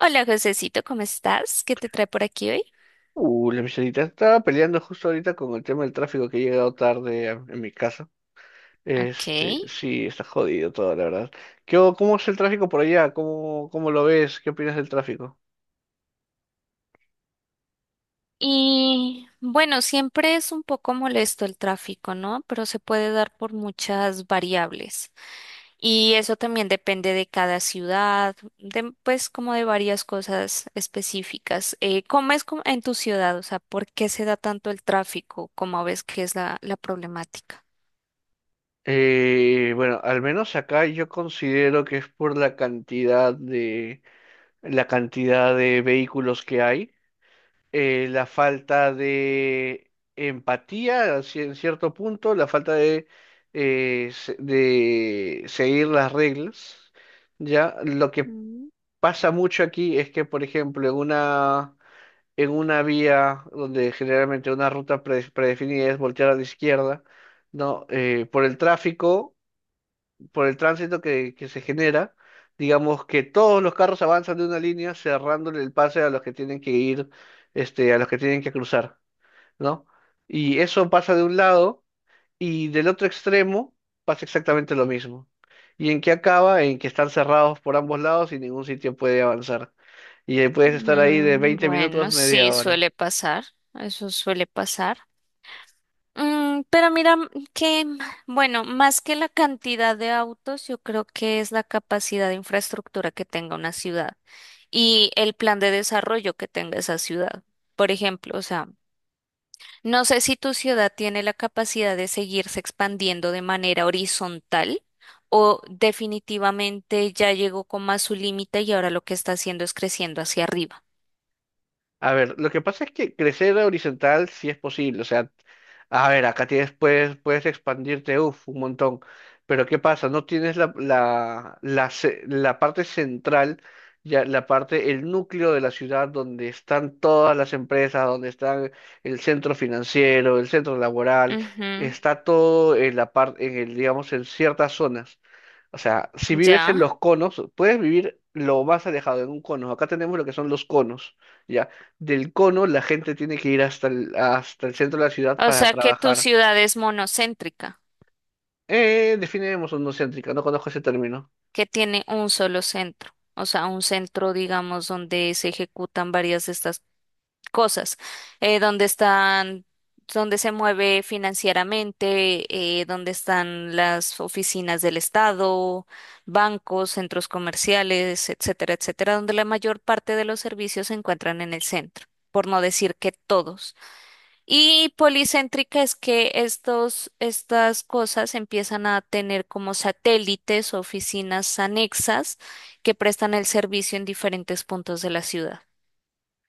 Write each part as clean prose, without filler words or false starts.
Hola, Josecito, ¿cómo estás? ¿Qué te trae por aquí hoy? La Michelita estaba peleando justo ahorita con el tema del tráfico que he llegado tarde en mi casa. Ok. Sí, está jodido todo, la verdad. Cómo es el tráfico por allá? ¿Cómo lo ves? ¿Qué opinas del tráfico? Y bueno, siempre es un poco molesto el tráfico, ¿no? Pero se puede dar por muchas variables. Y eso también depende de cada ciudad, de, pues como de varias cosas específicas. ¿Cómo es como en tu ciudad? O sea, ¿por qué se da tanto el tráfico? ¿Cómo ves que es la problemática? Bueno, al menos acá yo considero que es por la cantidad de vehículos que hay. La falta de empatía en cierto punto, la falta de seguir las reglas, ¿ya? Lo que Mm, pasa mucho aquí es que, por ejemplo, en una vía donde generalmente una ruta predefinida es voltear a la izquierda, ¿no? Por el tráfico, por el tránsito que se genera, digamos que todos los carros avanzan de una línea cerrándole el pase a los que tienen que ir, a los que tienen que cruzar. ¿No? Y eso pasa de un lado y del otro extremo pasa exactamente lo mismo. ¿Y en qué acaba? En que están cerrados por ambos lados y ningún sitio puede avanzar. Y ahí puedes estar ahí de mm, 20 bueno, minutos, media sí, hora. suele pasar. Eso suele pasar. Pero mira que, bueno, más que la cantidad de autos, yo creo que es la capacidad de infraestructura que tenga una ciudad y el plan de desarrollo que tenga esa ciudad. Por ejemplo, o sea, no sé si tu ciudad tiene la capacidad de seguirse expandiendo de manera horizontal o definitivamente ya llegó como a su límite y ahora lo que está haciendo es creciendo hacia arriba. A ver, lo que pasa es que crecer horizontal sí es posible, o sea, a ver, acá tienes, puedes expandirte, uff, un montón, pero ¿qué pasa? No tienes la parte central, ya la parte, el núcleo de la ciudad donde están todas las empresas, donde está el centro financiero, el centro laboral, está todo en la parte, en el, digamos, en ciertas zonas. O sea, si Ujú, vives ya. en los conos, puedes vivir lo más alejado en un cono. Acá tenemos lo que son los conos, ¿ya? Del cono la gente tiene que ir hasta el centro de la ciudad O para sea que tu trabajar. ciudad es monocéntrica, Definiremos no céntrica, no conozco ese término. que tiene un solo centro, o sea, un centro, digamos, donde se ejecutan varias de estas cosas, donde están, donde se mueve financieramente, donde están las oficinas del Estado, bancos, centros comerciales, etcétera, etcétera, donde la mayor parte de los servicios se encuentran en el centro, por no decir que todos. Y policéntrica es que estos, estas cosas empiezan a tener como satélites o oficinas anexas que prestan el servicio en diferentes puntos de la ciudad.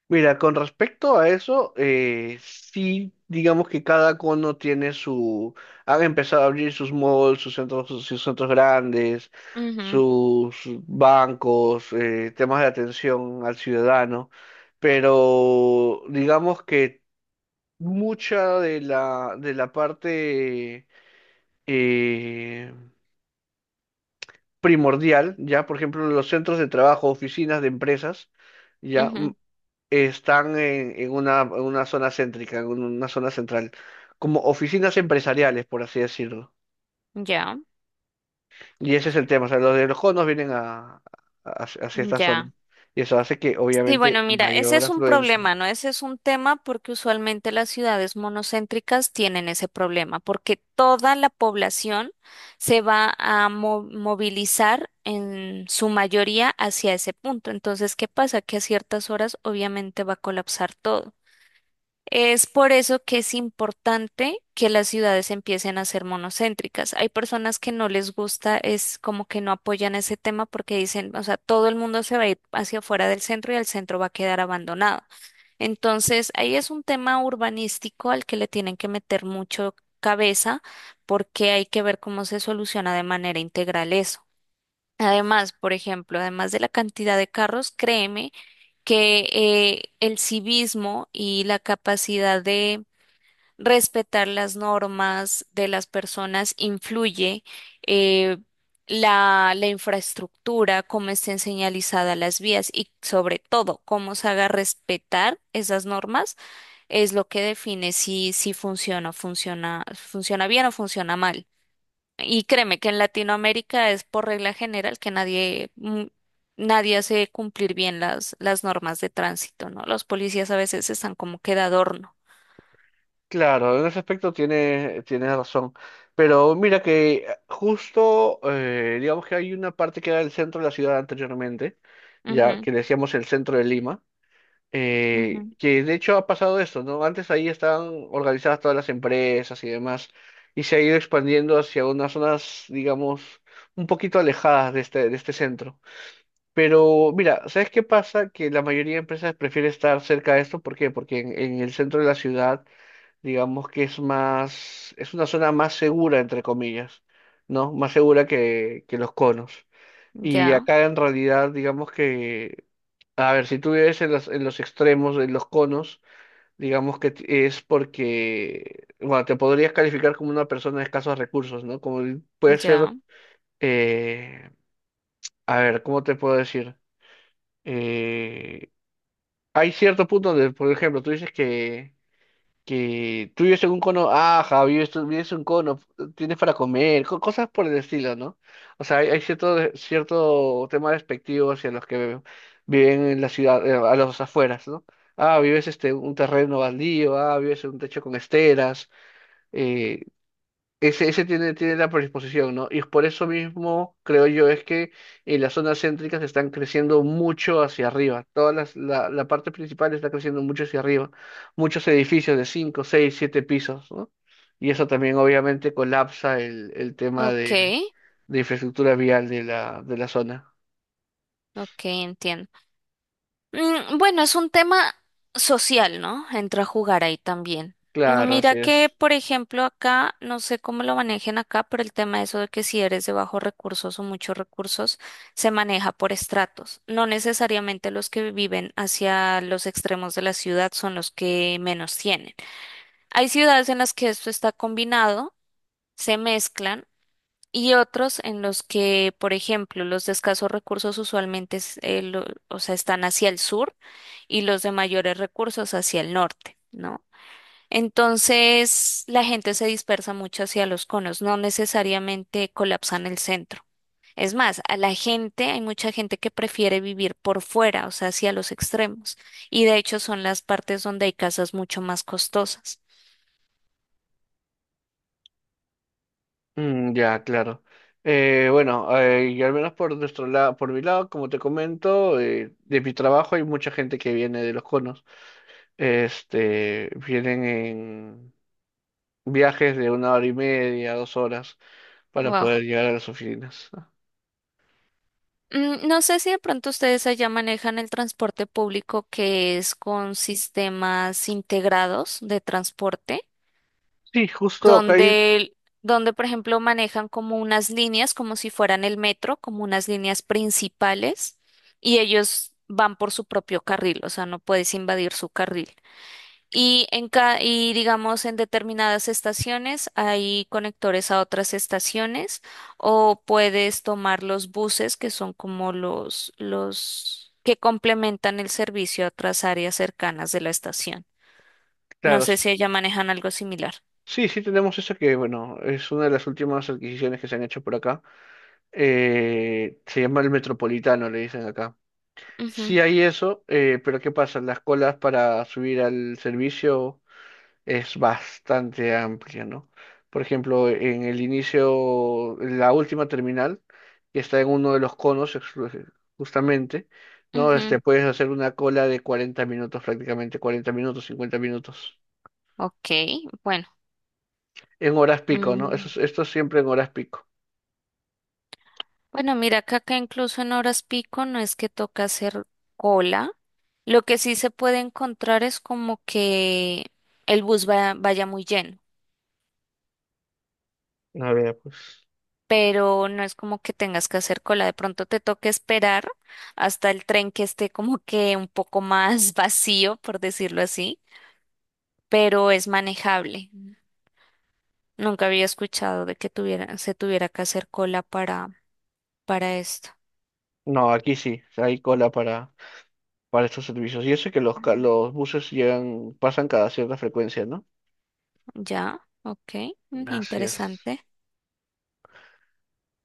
Mira, con respecto a eso, sí, digamos que cada cono han empezado a abrir sus malls, sus centros grandes, Ujú, sus bancos, temas de atención al ciudadano, pero digamos que mucha de la parte eh, primordial, ya, por ejemplo, los centros de trabajo, oficinas de empresas, ya. ujú, Están en una zona céntrica, en una zona central, como oficinas empresariales, por así decirlo. ya, Y ese es el tema, o sea, los de los conos vienen hacia esta zona. ya. Y eso hace que, Sí, obviamente, bueno, mira, ese mayor es un afluencia. problema, ¿no? Ese es un tema porque usualmente las ciudades monocéntricas tienen ese problema, porque toda la población se va a movilizar en su mayoría hacia ese punto. Entonces, ¿qué pasa? Que a ciertas horas obviamente va a colapsar todo. Es por eso que es importante que las ciudades empiecen a ser monocéntricas. Hay personas que no les gusta, es como que no apoyan ese tema porque dicen, o sea, todo el mundo se va a ir hacia afuera del centro y el centro va a quedar abandonado. Entonces, ahí es un tema urbanístico al que le tienen que meter mucho cabeza porque hay que ver cómo se soluciona de manera integral eso. Además, por ejemplo, además de la cantidad de carros, créeme que el civismo y la capacidad de respetar las normas de las personas influye, eh, la infraestructura, cómo estén señalizadas las vías y sobre todo cómo se haga respetar esas normas es lo que define si, si funciona bien o funciona mal. Y créeme que en Latinoamérica es por regla general que nadie hace cumplir bien las normas de tránsito, ¿no? Los policías a veces están como que de adorno. Claro, en ese aspecto tiene razón. Pero mira que justo, digamos que hay una parte que era el centro de la ciudad anteriormente, ya Ujú, que le decíamos el centro de Lima, ujú. Que de hecho ha pasado esto, ¿no? Antes ahí estaban organizadas todas las empresas y demás, y se ha ido expandiendo hacia unas zonas, digamos, un poquito alejadas de este centro. Pero mira, ¿sabes qué pasa? Que la mayoría de empresas prefiere estar cerca de esto, ¿por qué? Porque en el centro de la ciudad, digamos que es una zona más segura, entre comillas, ¿no? Más segura que los conos. Y Ya, acá en realidad, digamos que a ver, si tú vives en los extremos, en los conos, digamos que es porque, bueno, te podrías calificar como una persona de escasos recursos, ¿no? Puede ser, ya. eh, a ver, ¿cómo te puedo decir? Eh, Hay cierto punto donde, por ejemplo, tú dices que tú vives en un cono, ajá, vives en un cono, tienes para comer, cosas por el estilo, ¿no? O sea, hay cierto tema despectivo hacia los que viven en la ciudad, a los afueras, ¿no? Ah, vives un terreno baldío, ah, vives en un techo con esteras, eh, ese tiene la predisposición, ¿no? Y por eso mismo creo yo es que en las zonas céntricas están creciendo mucho hacia arriba. Todas la parte principal está creciendo mucho hacia arriba. Muchos edificios de 5, 6, 7 pisos, ¿no? Y eso también obviamente colapsa el tema Ok, de infraestructura vial de la zona. ok, entiendo. Bueno, es un tema social, ¿no? Entra a jugar ahí también. Claro, así Mira que, es. por ejemplo, acá, no sé cómo lo manejen acá, pero el tema de eso de que si eres de bajos recursos o muchos recursos, se maneja por estratos. No necesariamente los que viven hacia los extremos de la ciudad son los que menos tienen. Hay ciudades en las que esto está combinado, se mezclan. Y otros en los que, por ejemplo, los de escasos recursos usualmente o sea, están hacia el sur y los de mayores recursos hacia el norte, ¿no? Entonces, la gente se dispersa mucho hacia los conos, no necesariamente colapsan el centro. Es más, a la gente, hay mucha gente que prefiere vivir por fuera, o sea, hacia los extremos. Y de hecho son las partes donde hay casas mucho más costosas. Mm, ya, claro. Bueno, y al menos por nuestro lado, por mi lado, como te comento, de mi trabajo hay mucha gente que viene de los conos. Vienen en viajes de 1 hora y media, 2 horas, para Wow. poder llegar a las oficinas. No sé si de pronto ustedes allá manejan el transporte público que es con sistemas integrados de transporte, Sí, justo acá donde, donde por ejemplo manejan como unas líneas, como si fueran el metro, como unas líneas principales, y ellos van por su propio carril, o sea, no puedes invadir su carril. Y digamos, en determinadas estaciones hay conectores a otras estaciones o puedes tomar los buses que son como los que complementan el servicio a otras áreas cercanas de la estación. No claro, sé si allá manejan algo similar. sí, sí tenemos eso que, bueno, es una de las últimas adquisiciones que se han hecho por acá. Se llama el Metropolitano, le dicen acá. Ujú, Sí hay eso, pero ¿qué pasa? Las colas para subir al servicio es bastante amplia, ¿no? Por ejemplo, en el inicio, la última terminal, que está en uno de los conos, justamente, ¿no? Ujú. Puedes hacer una cola de 40 minutos prácticamente, 40 minutos, 50 minutos, Ok, bueno. en horas pico, ¿no? Mm, Esto es siempre en horas pico. Bueno, mira acá que incluso en horas pico no es que toca hacer cola. Lo que sí se puede encontrar es como que el bus vaya muy lleno. A ver, pues. Pero no es como que tengas que hacer cola. De pronto te toque esperar hasta el tren que esté como que un poco más vacío, por decirlo así, pero es manejable. Nunca había escuchado de que tuviera, se tuviera que hacer cola para esto. No, aquí sí, hay cola para estos servicios. Y eso que los buses llegan, pasan cada cierta frecuencia, ¿no? Ya, ok, mm, Así es. interesante.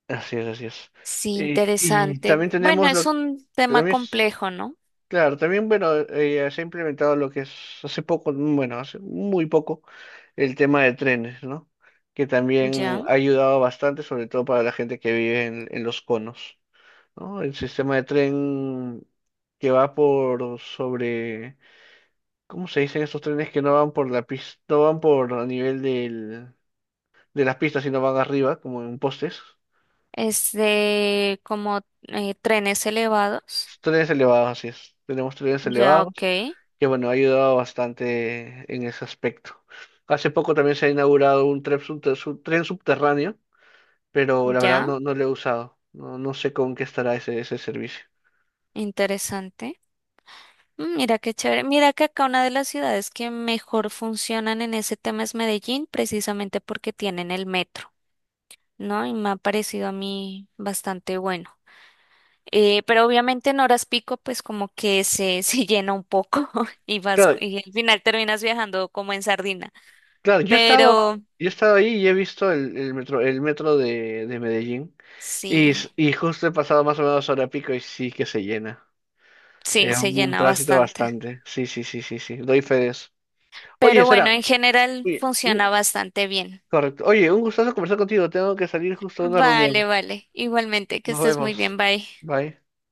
Así es, así es. Sí, Y interesante. también Bueno, tenemos es lo, un tema también es- complejo, ¿no? claro, también, bueno, se ha implementado lo que es hace poco, bueno, hace muy poco, el tema de trenes, ¿no? Que también Ya. ha ayudado bastante, sobre todo para la gente que vive en los conos, ¿no? El sistema de tren que va por sobre, ¿cómo se dicen esos trenes que no van por la pista, no van por a nivel de las pistas, sino van arriba, como en postes? Es de como trenes elevados. Tres elevados, así es. Tenemos tres Ya, ok, elevados, que bueno, ha ayudado bastante en ese aspecto. Hace poco también se ha inaugurado un tren subterráneo, pero la verdad ya. no, no lo he usado. No, no sé con qué estará ese servicio. Interesante. Mira qué chévere. Mira que acá una de las ciudades que mejor funcionan en ese tema es Medellín, precisamente porque tienen el metro, ¿no? Y me ha parecido a mí bastante bueno. Pero obviamente en horas pico, pues como que se, se llena un poco y vas, Claro, y al final terminas viajando como en sardina. claro, yo he estado, Pero yo he estado ahí y he visto el metro, el metro de Medellín. Y, sí, s- y justo he pasado más o menos hora pico y sí que se llena. sí, Es se un llena tránsito bastante. bastante. Sí, sí, sí, sí, sí. Doy fe de eso. Oye, Pero bueno, Sara, en general oye, funciona un, bastante bien. correcto. Oye, un gustazo conversar contigo. Tengo que salir justo a una reunión. Vale, vale. Igualmente, que Nos estés muy bien. vemos. Bye. Bye.